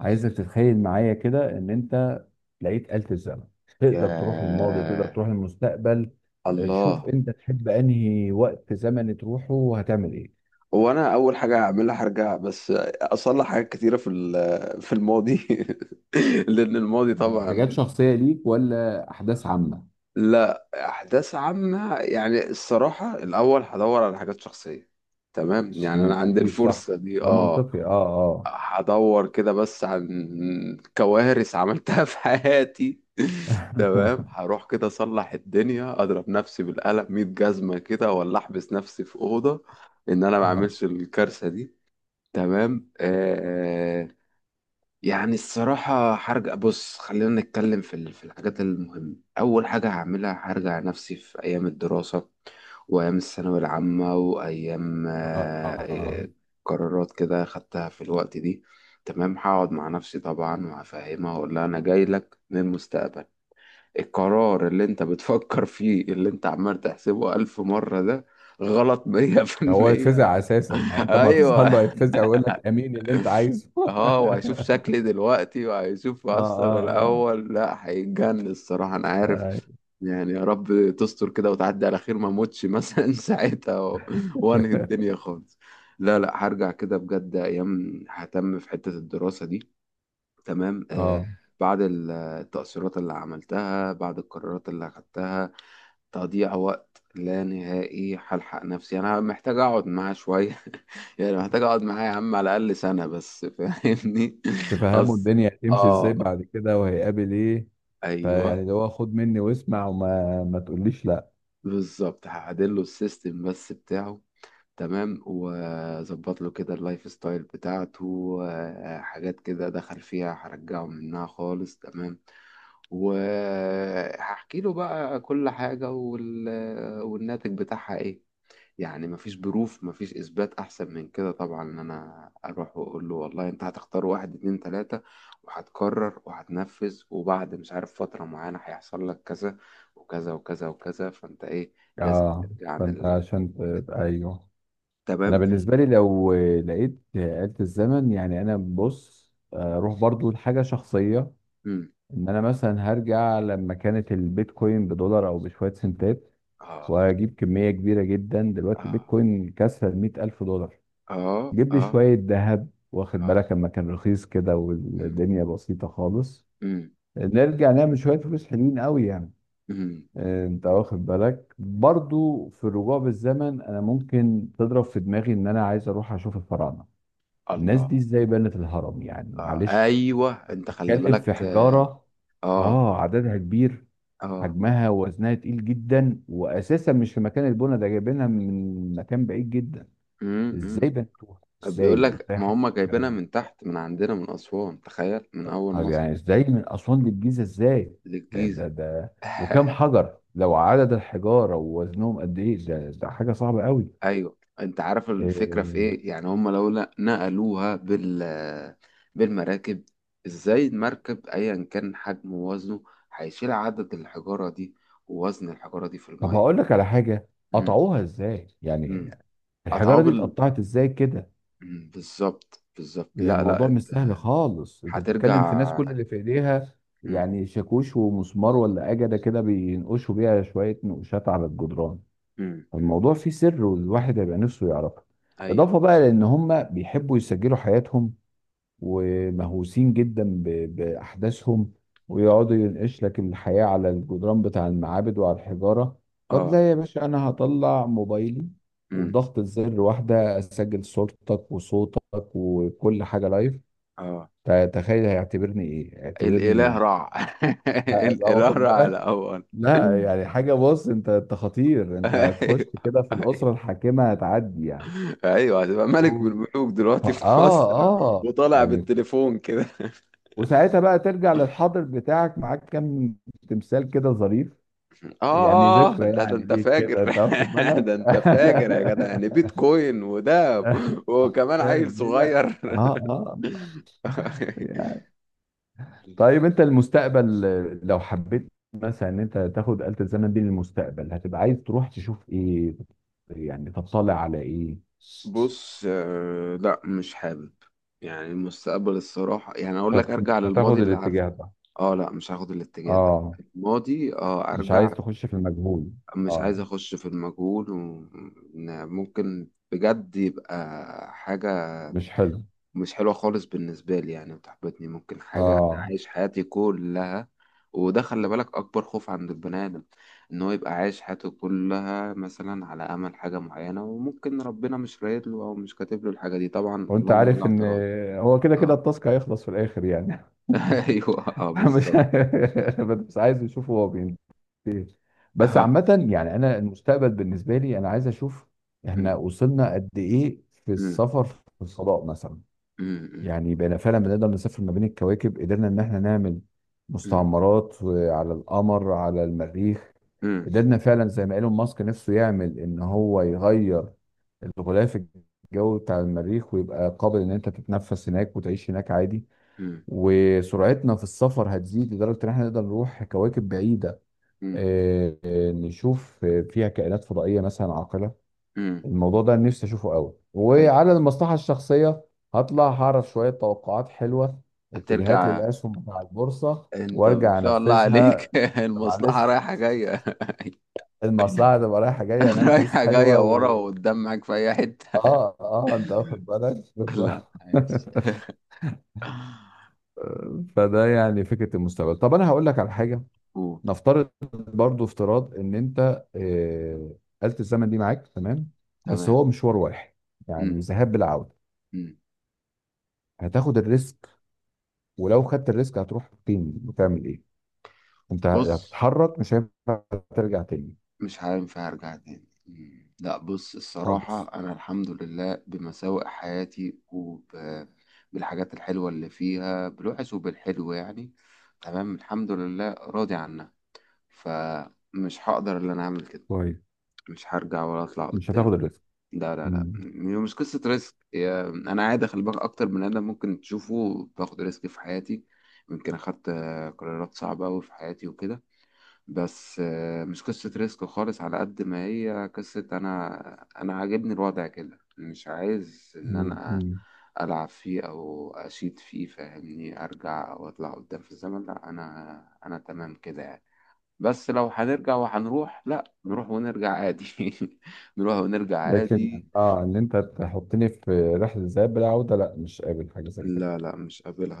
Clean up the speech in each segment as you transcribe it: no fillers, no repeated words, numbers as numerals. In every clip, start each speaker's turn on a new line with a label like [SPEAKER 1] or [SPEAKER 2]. [SPEAKER 1] عايزك تتخيل معايا كده ان انت لقيت آلة الزمن. تقدر تروح الماضي، تقدر
[SPEAKER 2] ياه.
[SPEAKER 1] تروح المستقبل. شوف
[SPEAKER 2] الله.
[SPEAKER 1] انت تحب انهي وقت زمني تروحه وهتعمل ايه؟
[SPEAKER 2] هو انا اول حاجه هعملها هرجع بس اصلح حاجات كتيره في الماضي لان الماضي
[SPEAKER 1] يعني حاجات
[SPEAKER 2] طبعا
[SPEAKER 1] شخصية ليك ولا أحداث عامة؟
[SPEAKER 2] لا احداث عامه، يعني الصراحه الاول هدور على حاجات شخصيه. تمام، يعني انا
[SPEAKER 1] تمام،
[SPEAKER 2] عندي
[SPEAKER 1] اكيد صح.
[SPEAKER 2] الفرصه دي.
[SPEAKER 1] ده
[SPEAKER 2] اه،
[SPEAKER 1] منطقي. اه.
[SPEAKER 2] هدور كده بس عن كوارث عملتها في حياتي تمام
[SPEAKER 1] اه
[SPEAKER 2] هروح كده اصلح الدنيا، اضرب نفسي بالقلم 100 جزمة كده ولا احبس نفسي في أوضة ان انا ما
[SPEAKER 1] اه.
[SPEAKER 2] اعملش الكارثة دي. تمام آه. يعني الصراحة هرجع، بص خلينا نتكلم في الحاجات المهمة. أول حاجة هعملها هرجع نفسي في أيام الدراسة وأيام الثانوية العامة وأيام،
[SPEAKER 1] آه. آه.
[SPEAKER 2] آه، قرارات كده خدتها في الوقت دي. تمام هقعد مع نفسي طبعا وهفهمها وأقول لها أنا جاي لك من المستقبل، القرار اللي أنت بتفكر فيه اللي أنت عمال تحسبه ألف مرة ده غلط مية في
[SPEAKER 1] هو
[SPEAKER 2] المية.
[SPEAKER 1] يتفزع أساسا، يعني أنت ما هتظهر له
[SPEAKER 2] ايوه.
[SPEAKER 1] هيتفزع ويقول لك أمين اللي أنت عايزه
[SPEAKER 2] اه، وهيشوف شكلي دلوقتي وهيشوف
[SPEAKER 1] اه
[SPEAKER 2] اصلا
[SPEAKER 1] اه
[SPEAKER 2] الاول، لا هيتجنن الصراحه انا
[SPEAKER 1] اه.
[SPEAKER 2] عارف. يعني يا رب تستر كده وتعدي على خير ما اموتش مثلا ساعتها وانهي الدنيا خالص. لا لا، هرجع كده بجد ايام ههتم في حته الدراسه دي. تمام آه.
[SPEAKER 1] آه
[SPEAKER 2] بعد التأثيرات اللي عملتها، بعد القرارات اللي أخدتها تضييع وقت لا نهائي. هلحق نفسي، انا محتاج اقعد معاه شويه يعني محتاج اقعد معاه يا عم على الاقل سنه بس فاهمني
[SPEAKER 1] تفهموا
[SPEAKER 2] اصل.
[SPEAKER 1] الدنيا هتمشي ازاي
[SPEAKER 2] اه.
[SPEAKER 1] بعد كده وهيقابل ايه. فيعني
[SPEAKER 2] ايوه
[SPEAKER 1] اللي هو خد مني واسمع وما ما تقوليش لا.
[SPEAKER 2] بالظبط، هعدل له السيستم بس بتاعه. تمام واظبط له كده اللايف ستايل بتاعته، حاجات كده دخل فيها هرجعه منها خالص. تمام وهحكي له بقى كل حاجه والناتج بتاعها ايه. يعني مفيش بروف مفيش اثبات احسن من كده طبعا، ان انا اروح واقول له والله انت هتختار واحد اتنين تلاتة وهتكرر وهتنفذ وبعد مش عارف فترة معينة هيحصل لك كذا وكذا وكذا وكذا فانت ايه؟ لازم
[SPEAKER 1] اه.
[SPEAKER 2] ترجع عن
[SPEAKER 1] فانت عشان
[SPEAKER 2] الحاجات دي.
[SPEAKER 1] ايوه. انا
[SPEAKER 2] تمام.
[SPEAKER 1] بالنسبه لي لو لقيت آلة الزمن، يعني انا بص، اروح برضو لحاجه شخصيه.
[SPEAKER 2] مم.
[SPEAKER 1] ان انا مثلا هرجع لما كانت البيتكوين بدولار او بشويه سنتات،
[SPEAKER 2] اه
[SPEAKER 1] واجيب كميه كبيره جدا. دلوقتي
[SPEAKER 2] اه.
[SPEAKER 1] البيتكوين كسر ال 100,000 دولار.
[SPEAKER 2] اه
[SPEAKER 1] جيب لي
[SPEAKER 2] اه.
[SPEAKER 1] شويه ذهب، واخد
[SPEAKER 2] اه.
[SPEAKER 1] بالك لما كان رخيص كده
[SPEAKER 2] مم.
[SPEAKER 1] والدنيا بسيطه خالص.
[SPEAKER 2] مم.
[SPEAKER 1] نرجع نعمل شوية فلوس حلوين قوي يعني.
[SPEAKER 2] مم.
[SPEAKER 1] انت واخد بالك برضو في الرجوع بالزمن، انا ممكن تضرب في دماغي ان انا عايز اروح اشوف الفراعنة. الناس
[SPEAKER 2] الله.
[SPEAKER 1] دي ازاي بنت الهرم؟ يعني
[SPEAKER 2] آه.
[SPEAKER 1] معلش،
[SPEAKER 2] ايوه انت خلي
[SPEAKER 1] اتكلم في
[SPEAKER 2] بالك.
[SPEAKER 1] حجارة.
[SPEAKER 2] اه
[SPEAKER 1] اه، عددها كبير،
[SPEAKER 2] اه.
[SPEAKER 1] حجمها ووزنها تقيل جدا، واساسا مش في مكان البنا ده، جايبينها من مكان بعيد جدا. ازاي
[SPEAKER 2] آه.
[SPEAKER 1] بنتوها؟
[SPEAKER 2] بيقول
[SPEAKER 1] ازاي
[SPEAKER 2] لك
[SPEAKER 1] ازاي
[SPEAKER 2] ما
[SPEAKER 1] حصل
[SPEAKER 2] هم
[SPEAKER 1] الكلام
[SPEAKER 2] جايبينها
[SPEAKER 1] ده؟
[SPEAKER 2] من تحت من عندنا من أسوان، تخيل من أول
[SPEAKER 1] آه،
[SPEAKER 2] مصر
[SPEAKER 1] يعني ازاي من اسوان للجيزه؟ ازاي؟ ده
[SPEAKER 2] للجيزة.
[SPEAKER 1] ده ده وكم حجر؟ لو عدد الحجاره ووزنهم قد ايه، ده حاجه صعبه قوي.
[SPEAKER 2] أيوه أنت عارف الفكرة في
[SPEAKER 1] إيه،
[SPEAKER 2] إيه؟ يعني هم لو لا نقلوها بالمراكب، إزاي المركب أيا كان حجمه ووزنه هيشيل عدد الحجارة دي ووزن الحجارة دي في
[SPEAKER 1] طب
[SPEAKER 2] المية.
[SPEAKER 1] هقول لك على حاجه.
[SPEAKER 2] مم.
[SPEAKER 1] قطعوها ازاي
[SPEAKER 2] مم.
[SPEAKER 1] يعني؟
[SPEAKER 2] قطعوه
[SPEAKER 1] الحجاره دي
[SPEAKER 2] بال
[SPEAKER 1] اتقطعت ازاي كده؟
[SPEAKER 2] بالظبط بالظبط.
[SPEAKER 1] يعني
[SPEAKER 2] لا لا
[SPEAKER 1] الموضوع مش
[SPEAKER 2] أنت
[SPEAKER 1] سهل خالص. انت بتتكلم في ناس
[SPEAKER 2] هترجع.
[SPEAKER 1] كل اللي في ايديها
[SPEAKER 2] مم.
[SPEAKER 1] يعني شاكوش ومسمار، ولا اجده كده بينقشوا بيها شويه نقوشات على الجدران.
[SPEAKER 2] مم. مم.
[SPEAKER 1] الموضوع فيه سر، والواحد هيبقى نفسه يعرفه.
[SPEAKER 2] أيوه
[SPEAKER 1] اضافه
[SPEAKER 2] ده.
[SPEAKER 1] بقى لان هم بيحبوا يسجلوا حياتهم، ومهووسين جدا بأحداثهم، ويقعدوا ينقش لك الحياة على الجدران بتاع المعابد وعلى الحجارة. طب
[SPEAKER 2] آه.
[SPEAKER 1] لا يا باشا، أنا هطلع موبايلي
[SPEAKER 2] مم.
[SPEAKER 1] وبضغط الزر واحدة، أسجل صورتك وصوتك وكل حاجة لايف.
[SPEAKER 2] آه.
[SPEAKER 1] تخيل هيعتبرني إيه؟
[SPEAKER 2] الإله
[SPEAKER 1] اعتبرني
[SPEAKER 2] رع
[SPEAKER 1] بقى،
[SPEAKER 2] الإله
[SPEAKER 1] واخد
[SPEAKER 2] رع
[SPEAKER 1] بالك؟
[SPEAKER 2] الأول.
[SPEAKER 1] لا يعني حاجة، بص أنت، أنت خطير، أنت هتخش
[SPEAKER 2] أيوه.
[SPEAKER 1] كده في الأسرة الحاكمة، هتعدي يعني.
[SPEAKER 2] أيوه أيوه هتبقى ملك من
[SPEAKER 1] مم.
[SPEAKER 2] الملوك
[SPEAKER 1] ف-
[SPEAKER 2] دلوقتي في
[SPEAKER 1] آه
[SPEAKER 2] مصر.
[SPEAKER 1] آه
[SPEAKER 2] وطالع
[SPEAKER 1] يعني.
[SPEAKER 2] بالتليفون كده.
[SPEAKER 1] وساعتها بقى ترجع للحاضر بتاعك معاك كام تمثال كده ظريف، يعني
[SPEAKER 2] آه آه،
[SPEAKER 1] ذكرى
[SPEAKER 2] لا ده
[SPEAKER 1] يعني
[SPEAKER 2] أنت
[SPEAKER 1] ليك كده،
[SPEAKER 2] فاجر
[SPEAKER 1] انت واخد
[SPEAKER 2] ده
[SPEAKER 1] بالك.
[SPEAKER 2] أنت فاجر يا جدع، يعني بيتكوين وده وكمان عيل
[SPEAKER 1] ليه لا؟
[SPEAKER 2] صغير
[SPEAKER 1] اه اه. طيب انت المستقبل، لو حبيت مثلا ان انت تاخد آلة الزمن دي للمستقبل، هتبقى عايز تروح تشوف ايه؟ يعني تطلع على ايه؟
[SPEAKER 2] بص، لا مش حابب. يعني المستقبل الصراحة، يعني أقول لك أرجع
[SPEAKER 1] مش
[SPEAKER 2] للماضي
[SPEAKER 1] هتاخد
[SPEAKER 2] اللي عارفه.
[SPEAKER 1] الاتجاه ده؟
[SPEAKER 2] اه لا، مش هاخد الاتجاه ده.
[SPEAKER 1] اه.
[SPEAKER 2] الماضي، اه
[SPEAKER 1] مش عايز
[SPEAKER 2] ارجع.
[SPEAKER 1] تخش في المجهول؟
[SPEAKER 2] مش
[SPEAKER 1] اه.
[SPEAKER 2] عايز اخش في المجهول، وممكن بجد يبقى حاجة
[SPEAKER 1] مش حلو.
[SPEAKER 2] مش حلوة خالص بالنسبة لي. يعني بتحبطني ممكن حاجة أنا
[SPEAKER 1] اه.
[SPEAKER 2] عايش حياتي كلها، وده خلي بالك أكبر خوف عند البني آدم، إن هو يبقى عايش حياته كلها مثلا على أمل حاجة معينة وممكن ربنا مش رايد له أو مش كاتب له الحاجة دي، طبعا
[SPEAKER 1] وانت
[SPEAKER 2] اللهم لا
[SPEAKER 1] عارف ان
[SPEAKER 2] اعتراض.
[SPEAKER 1] هو كده كده
[SPEAKER 2] اه.
[SPEAKER 1] التاسك هيخلص في الاخر يعني
[SPEAKER 2] أيوه اه
[SPEAKER 1] مش،
[SPEAKER 2] بالظبط.
[SPEAKER 1] بس عايز اشوفه هو بينتهي إيه. بس
[SPEAKER 2] اه.
[SPEAKER 1] عامة يعني انا المستقبل بالنسبة لي انا عايز اشوف احنا
[SPEAKER 2] أمم.
[SPEAKER 1] وصلنا قد ايه في
[SPEAKER 2] أمم.
[SPEAKER 1] السفر في الفضاء مثلا.
[SPEAKER 2] أمم.
[SPEAKER 1] يعني بقينا فعلا بنقدر نسافر ما بين الكواكب؟ قدرنا ان احنا نعمل
[SPEAKER 2] أمم.
[SPEAKER 1] مستعمرات على القمر، على المريخ؟
[SPEAKER 2] مم.
[SPEAKER 1] قدرنا فعلا زي ما ايلون ماسك نفسه يعمل ان هو يغير الغلاف الجوي بتاع المريخ ويبقى قابل ان انت تتنفس هناك وتعيش هناك عادي.
[SPEAKER 2] مم.
[SPEAKER 1] وسرعتنا في السفر هتزيد لدرجة ان احنا نقدر نروح كواكب بعيدة،
[SPEAKER 2] مم.
[SPEAKER 1] نشوف فيها كائنات فضائية مثلا عاقلة.
[SPEAKER 2] مم.
[SPEAKER 1] الموضوع ده نفسي اشوفه قوي.
[SPEAKER 2] ايوه
[SPEAKER 1] وعلى المصلحة الشخصية، هطلع هعرف شوية توقعات حلوة، اتجاهات
[SPEAKER 2] هترجع.
[SPEAKER 1] للأسهم بتاع البورصة،
[SPEAKER 2] انت ان
[SPEAKER 1] وارجع
[SPEAKER 2] شاء الله عليك
[SPEAKER 1] انفذها. طب
[SPEAKER 2] المصلحة
[SPEAKER 1] معلش،
[SPEAKER 2] رايحة جاية.
[SPEAKER 1] المصلحة تبقى رايحة جاية، هنعمل فلوس
[SPEAKER 2] رايحة جاية
[SPEAKER 1] حلوة
[SPEAKER 2] ورا
[SPEAKER 1] و...
[SPEAKER 2] وقدام معاك في اي حتة.
[SPEAKER 1] اه اه، انت واخد بالك
[SPEAKER 2] لا
[SPEAKER 1] بالظبط
[SPEAKER 2] عايز.
[SPEAKER 1] فده يعني فكرة المستقبل. طب انا هقول لك على حاجة،
[SPEAKER 2] أوه.
[SPEAKER 1] نفترض برضو افتراض ان انت، آلة الزمن دي معاك تمام، بس
[SPEAKER 2] تمام.
[SPEAKER 1] هو مشوار واحد، يعني
[SPEAKER 2] مم.
[SPEAKER 1] ذهاب بالعودة.
[SPEAKER 2] مم.
[SPEAKER 1] هتاخد الريسك؟ ولو خدت الريسك هتروح فين وتعمل ايه؟ انت
[SPEAKER 2] بص
[SPEAKER 1] هتتحرك مش هينفع ترجع تاني
[SPEAKER 2] مش هينفع ارجع تاني. مم. لا بص
[SPEAKER 1] خالص.
[SPEAKER 2] الصراحة انا الحمد لله بمساوئ حياتي وبالحاجات الحلوة اللي فيها، بالوحش وبالحلو يعني. تمام الحمد لله راضي عنها، فمش هقدر ان انا اعمل كده.
[SPEAKER 1] كويس،
[SPEAKER 2] مش هرجع ولا اطلع
[SPEAKER 1] مش
[SPEAKER 2] قدام.
[SPEAKER 1] هتاخد الريسك.
[SPEAKER 2] لا لا لا،
[SPEAKER 1] مم.
[SPEAKER 2] مش قصة ريسك. انا عادي خلي بالك اكتر من ادم ممكن تشوفه باخد ريسك في حياتي. يمكن اخدت قرارات صعبة أوي في حياتي وكده. بس مش قصة ريسك خالص على قد ما هي قصة انا عاجبني الوضع كده. مش عايز ان
[SPEAKER 1] مم.
[SPEAKER 2] انا
[SPEAKER 1] مم.
[SPEAKER 2] العب فيه او اشيد فيه فاهمني، ارجع او اطلع قدام في الزمن. لا انا تمام كده يعني. بس لو هنرجع وهنروح لا، نروح ونرجع عادي نروح ونرجع
[SPEAKER 1] لكن
[SPEAKER 2] عادي.
[SPEAKER 1] اه ان انت تحطني في رحلة الذهاب بالعودة، لا مش قابل حاجة زي كده.
[SPEAKER 2] لا لا مش قابلها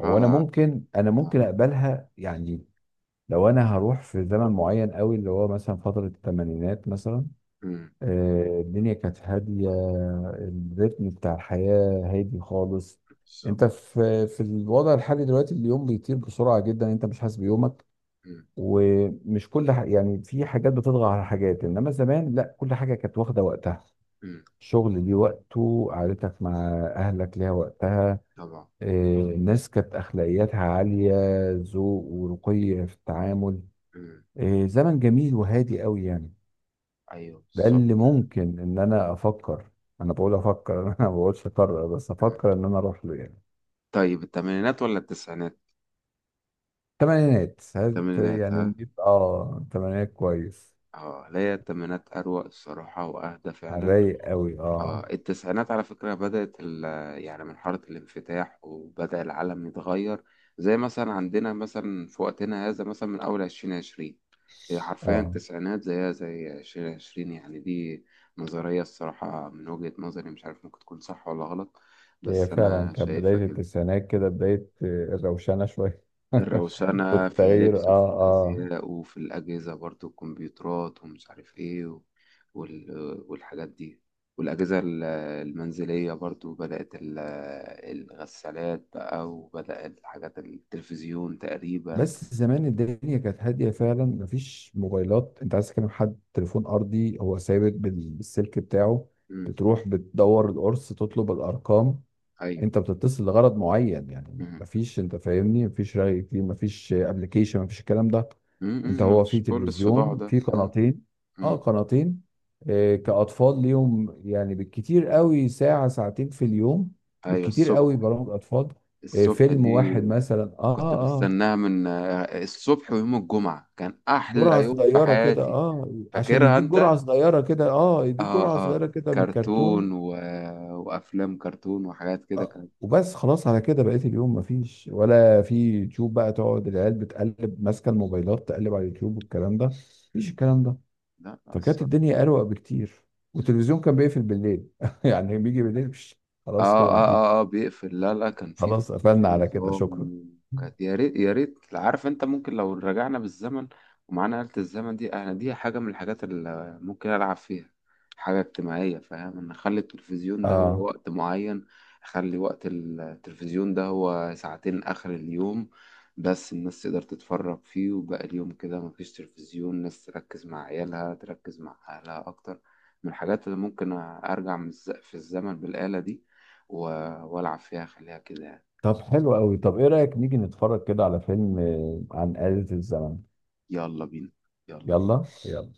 [SPEAKER 1] هو انا ممكن، انا ممكن
[SPEAKER 2] آه،
[SPEAKER 1] اقبلها يعني، لو انا هروح في زمن معين قوي اللي هو مثلا فترة الثمانينات مثلا.
[SPEAKER 2] مم.
[SPEAKER 1] الدنيا كانت هادية، الريتم بتاع الحياة هادي خالص.
[SPEAKER 2] بالظبط.
[SPEAKER 1] انت في الوضع الحالي دلوقتي اليوم بيطير بسرعة جدا، انت مش حاسس بيومك
[SPEAKER 2] مم.
[SPEAKER 1] ومش كل يعني في حاجات بتطغى على حاجات، انما زمان لا، كل حاجة كانت واخدة وقتها.
[SPEAKER 2] مم.
[SPEAKER 1] الشغل ليه وقته، قعدتك مع اهلك ليها وقتها.
[SPEAKER 2] طبعا.
[SPEAKER 1] الناس كانت اخلاقياتها عالية، ذوق ورقي في التعامل.
[SPEAKER 2] مم.
[SPEAKER 1] إيه، زمن جميل وهادي قوي يعني.
[SPEAKER 2] أيوه
[SPEAKER 1] ده اللي
[SPEAKER 2] بالظبط.
[SPEAKER 1] ممكن ان انا افكر، انا بقول افكر انا ما بقولش اقرر بس
[SPEAKER 2] مم.
[SPEAKER 1] افكر ان انا اروح له يعني.
[SPEAKER 2] طيب الثمانينات ولا التسعينات؟
[SPEAKER 1] تمانينات، هاد
[SPEAKER 2] الثمانينات
[SPEAKER 1] يعني
[SPEAKER 2] ها؟
[SPEAKER 1] نجيب اه تمانينات كويس،
[SPEAKER 2] اه لا، هي الثمانينات أروق الصراحة وأهدى
[SPEAKER 1] على
[SPEAKER 2] فعلا.
[SPEAKER 1] الرايق قوي اه
[SPEAKER 2] آه التسعينات على فكرة بدأت يعني من حارة الانفتاح وبدأ العالم يتغير، زي مثلا عندنا مثلا في وقتنا هذا مثلا من أول عشرين عشرين. هي حرفيا
[SPEAKER 1] اه.
[SPEAKER 2] التسعينات زيها زي عشرين عشرين يعني. دي نظرية الصراحة من وجهة نظري، مش عارف ممكن تكون صح ولا غلط،
[SPEAKER 1] هي
[SPEAKER 2] بس
[SPEAKER 1] فعلا
[SPEAKER 2] أنا
[SPEAKER 1] كانت
[SPEAKER 2] شايفها
[SPEAKER 1] بداية
[SPEAKER 2] كده.
[SPEAKER 1] التسعينات كده بداية، الروشنة شوية
[SPEAKER 2] الروسانة في
[SPEAKER 1] والتغيير
[SPEAKER 2] اللبس
[SPEAKER 1] اه
[SPEAKER 2] وفي
[SPEAKER 1] اه.
[SPEAKER 2] الأزياء وفي الأجهزة برضو، الكمبيوترات ومش عارف إيه، والحاجات دي. والأجهزة ال- المنزلية برضو بدأت الغسالات بقى، وبدأ الحاجات التلفزيون تقريبا.
[SPEAKER 1] بس زمان الدنيا كانت هادية فعلا، مفيش موبايلات. انت عايز تكلم حد، تليفون ارضي هو ثابت بالسلك بتاعه،
[SPEAKER 2] مم.
[SPEAKER 1] بتروح بتدور القرص تطلب الارقام.
[SPEAKER 2] أيوة.
[SPEAKER 1] انت بتتصل لغرض معين، يعني
[SPEAKER 2] مم.
[SPEAKER 1] مفيش، انت فاهمني، مفيش رأي كتير، مفيش ابلكيشن، مفيش الكلام ده.
[SPEAKER 2] مم.
[SPEAKER 1] انت
[SPEAKER 2] مم.
[SPEAKER 1] هو في
[SPEAKER 2] مش كل الصداع
[SPEAKER 1] تلفزيون
[SPEAKER 2] ده.
[SPEAKER 1] في
[SPEAKER 2] مم.
[SPEAKER 1] قناتين. اه
[SPEAKER 2] مم.
[SPEAKER 1] قناتين. آه كأطفال ليهم يعني بالكتير قوي ساعة ساعتين في اليوم،
[SPEAKER 2] أيوة
[SPEAKER 1] بالكتير قوي
[SPEAKER 2] الصبح.
[SPEAKER 1] برامج اطفال، آه
[SPEAKER 2] الصبح
[SPEAKER 1] فيلم
[SPEAKER 2] دي
[SPEAKER 1] واحد مثلا اه
[SPEAKER 2] كنت
[SPEAKER 1] اه.
[SPEAKER 2] بستناها من الصبح، ويوم الجمعة كان
[SPEAKER 1] جرعة
[SPEAKER 2] أحلى يوم في
[SPEAKER 1] صغيرة كده،
[SPEAKER 2] حياتي.
[SPEAKER 1] اه عشان
[SPEAKER 2] فاكرها
[SPEAKER 1] يديك
[SPEAKER 2] أنت؟
[SPEAKER 1] جرعة صغيرة كده، اه يديك
[SPEAKER 2] اه
[SPEAKER 1] جرعة
[SPEAKER 2] اه.
[SPEAKER 1] صغيرة كده من
[SPEAKER 2] كرتون
[SPEAKER 1] الكرتون.
[SPEAKER 2] و... وافلام كرتون وحاجات كده
[SPEAKER 1] آه.
[SPEAKER 2] كانت.
[SPEAKER 1] وبس خلاص على كده. بقيت اليوم مفيش، ولا في يوتيوب بقى تقعد العيال بتقلب ماسكة الموبايلات، تقلب على اليوتيوب والكلام ده. مفيش الكلام ده.
[SPEAKER 2] لا لا
[SPEAKER 1] فكانت
[SPEAKER 2] الصراحه.
[SPEAKER 1] الدنيا أروق بكتير. والتلفزيون كان بيقفل بالليل يعني بيجي بالليل بش، خلاص
[SPEAKER 2] اه
[SPEAKER 1] كده
[SPEAKER 2] اه.
[SPEAKER 1] مفيش.
[SPEAKER 2] اه اه بيقفل. لا لا كان في
[SPEAKER 1] خلاص
[SPEAKER 2] في
[SPEAKER 1] قفلنا على كده
[SPEAKER 2] نظام.
[SPEAKER 1] شكرا.
[SPEAKER 2] وكانت يا ريت، يا ريت عارف انت ممكن لو رجعنا بالزمن ومعانا آلة الزمن دي، انا دي حاجة من الحاجات اللي ممكن العب فيها حاجة اجتماعية فاهم. انا اخلي التلفزيون ده هو
[SPEAKER 1] اه.
[SPEAKER 2] وقت معين، اخلي وقت التلفزيون ده هو ساعتين اخر اليوم بس، الناس تقدر تتفرج فيه وباقي اليوم كده مفيش تلفزيون، الناس تركز مع عيالها تركز مع اهلها اكتر. من الحاجات اللي ممكن ارجع في الزمن بالآلة دي والعب فيها خليها كده يعني.
[SPEAKER 1] طب حلو قوي، طب ايه رأيك نيجي نتفرج كده على فيلم، عن آلة الزمن؟
[SPEAKER 2] يلا بينا. يلا بينا.
[SPEAKER 1] يلا.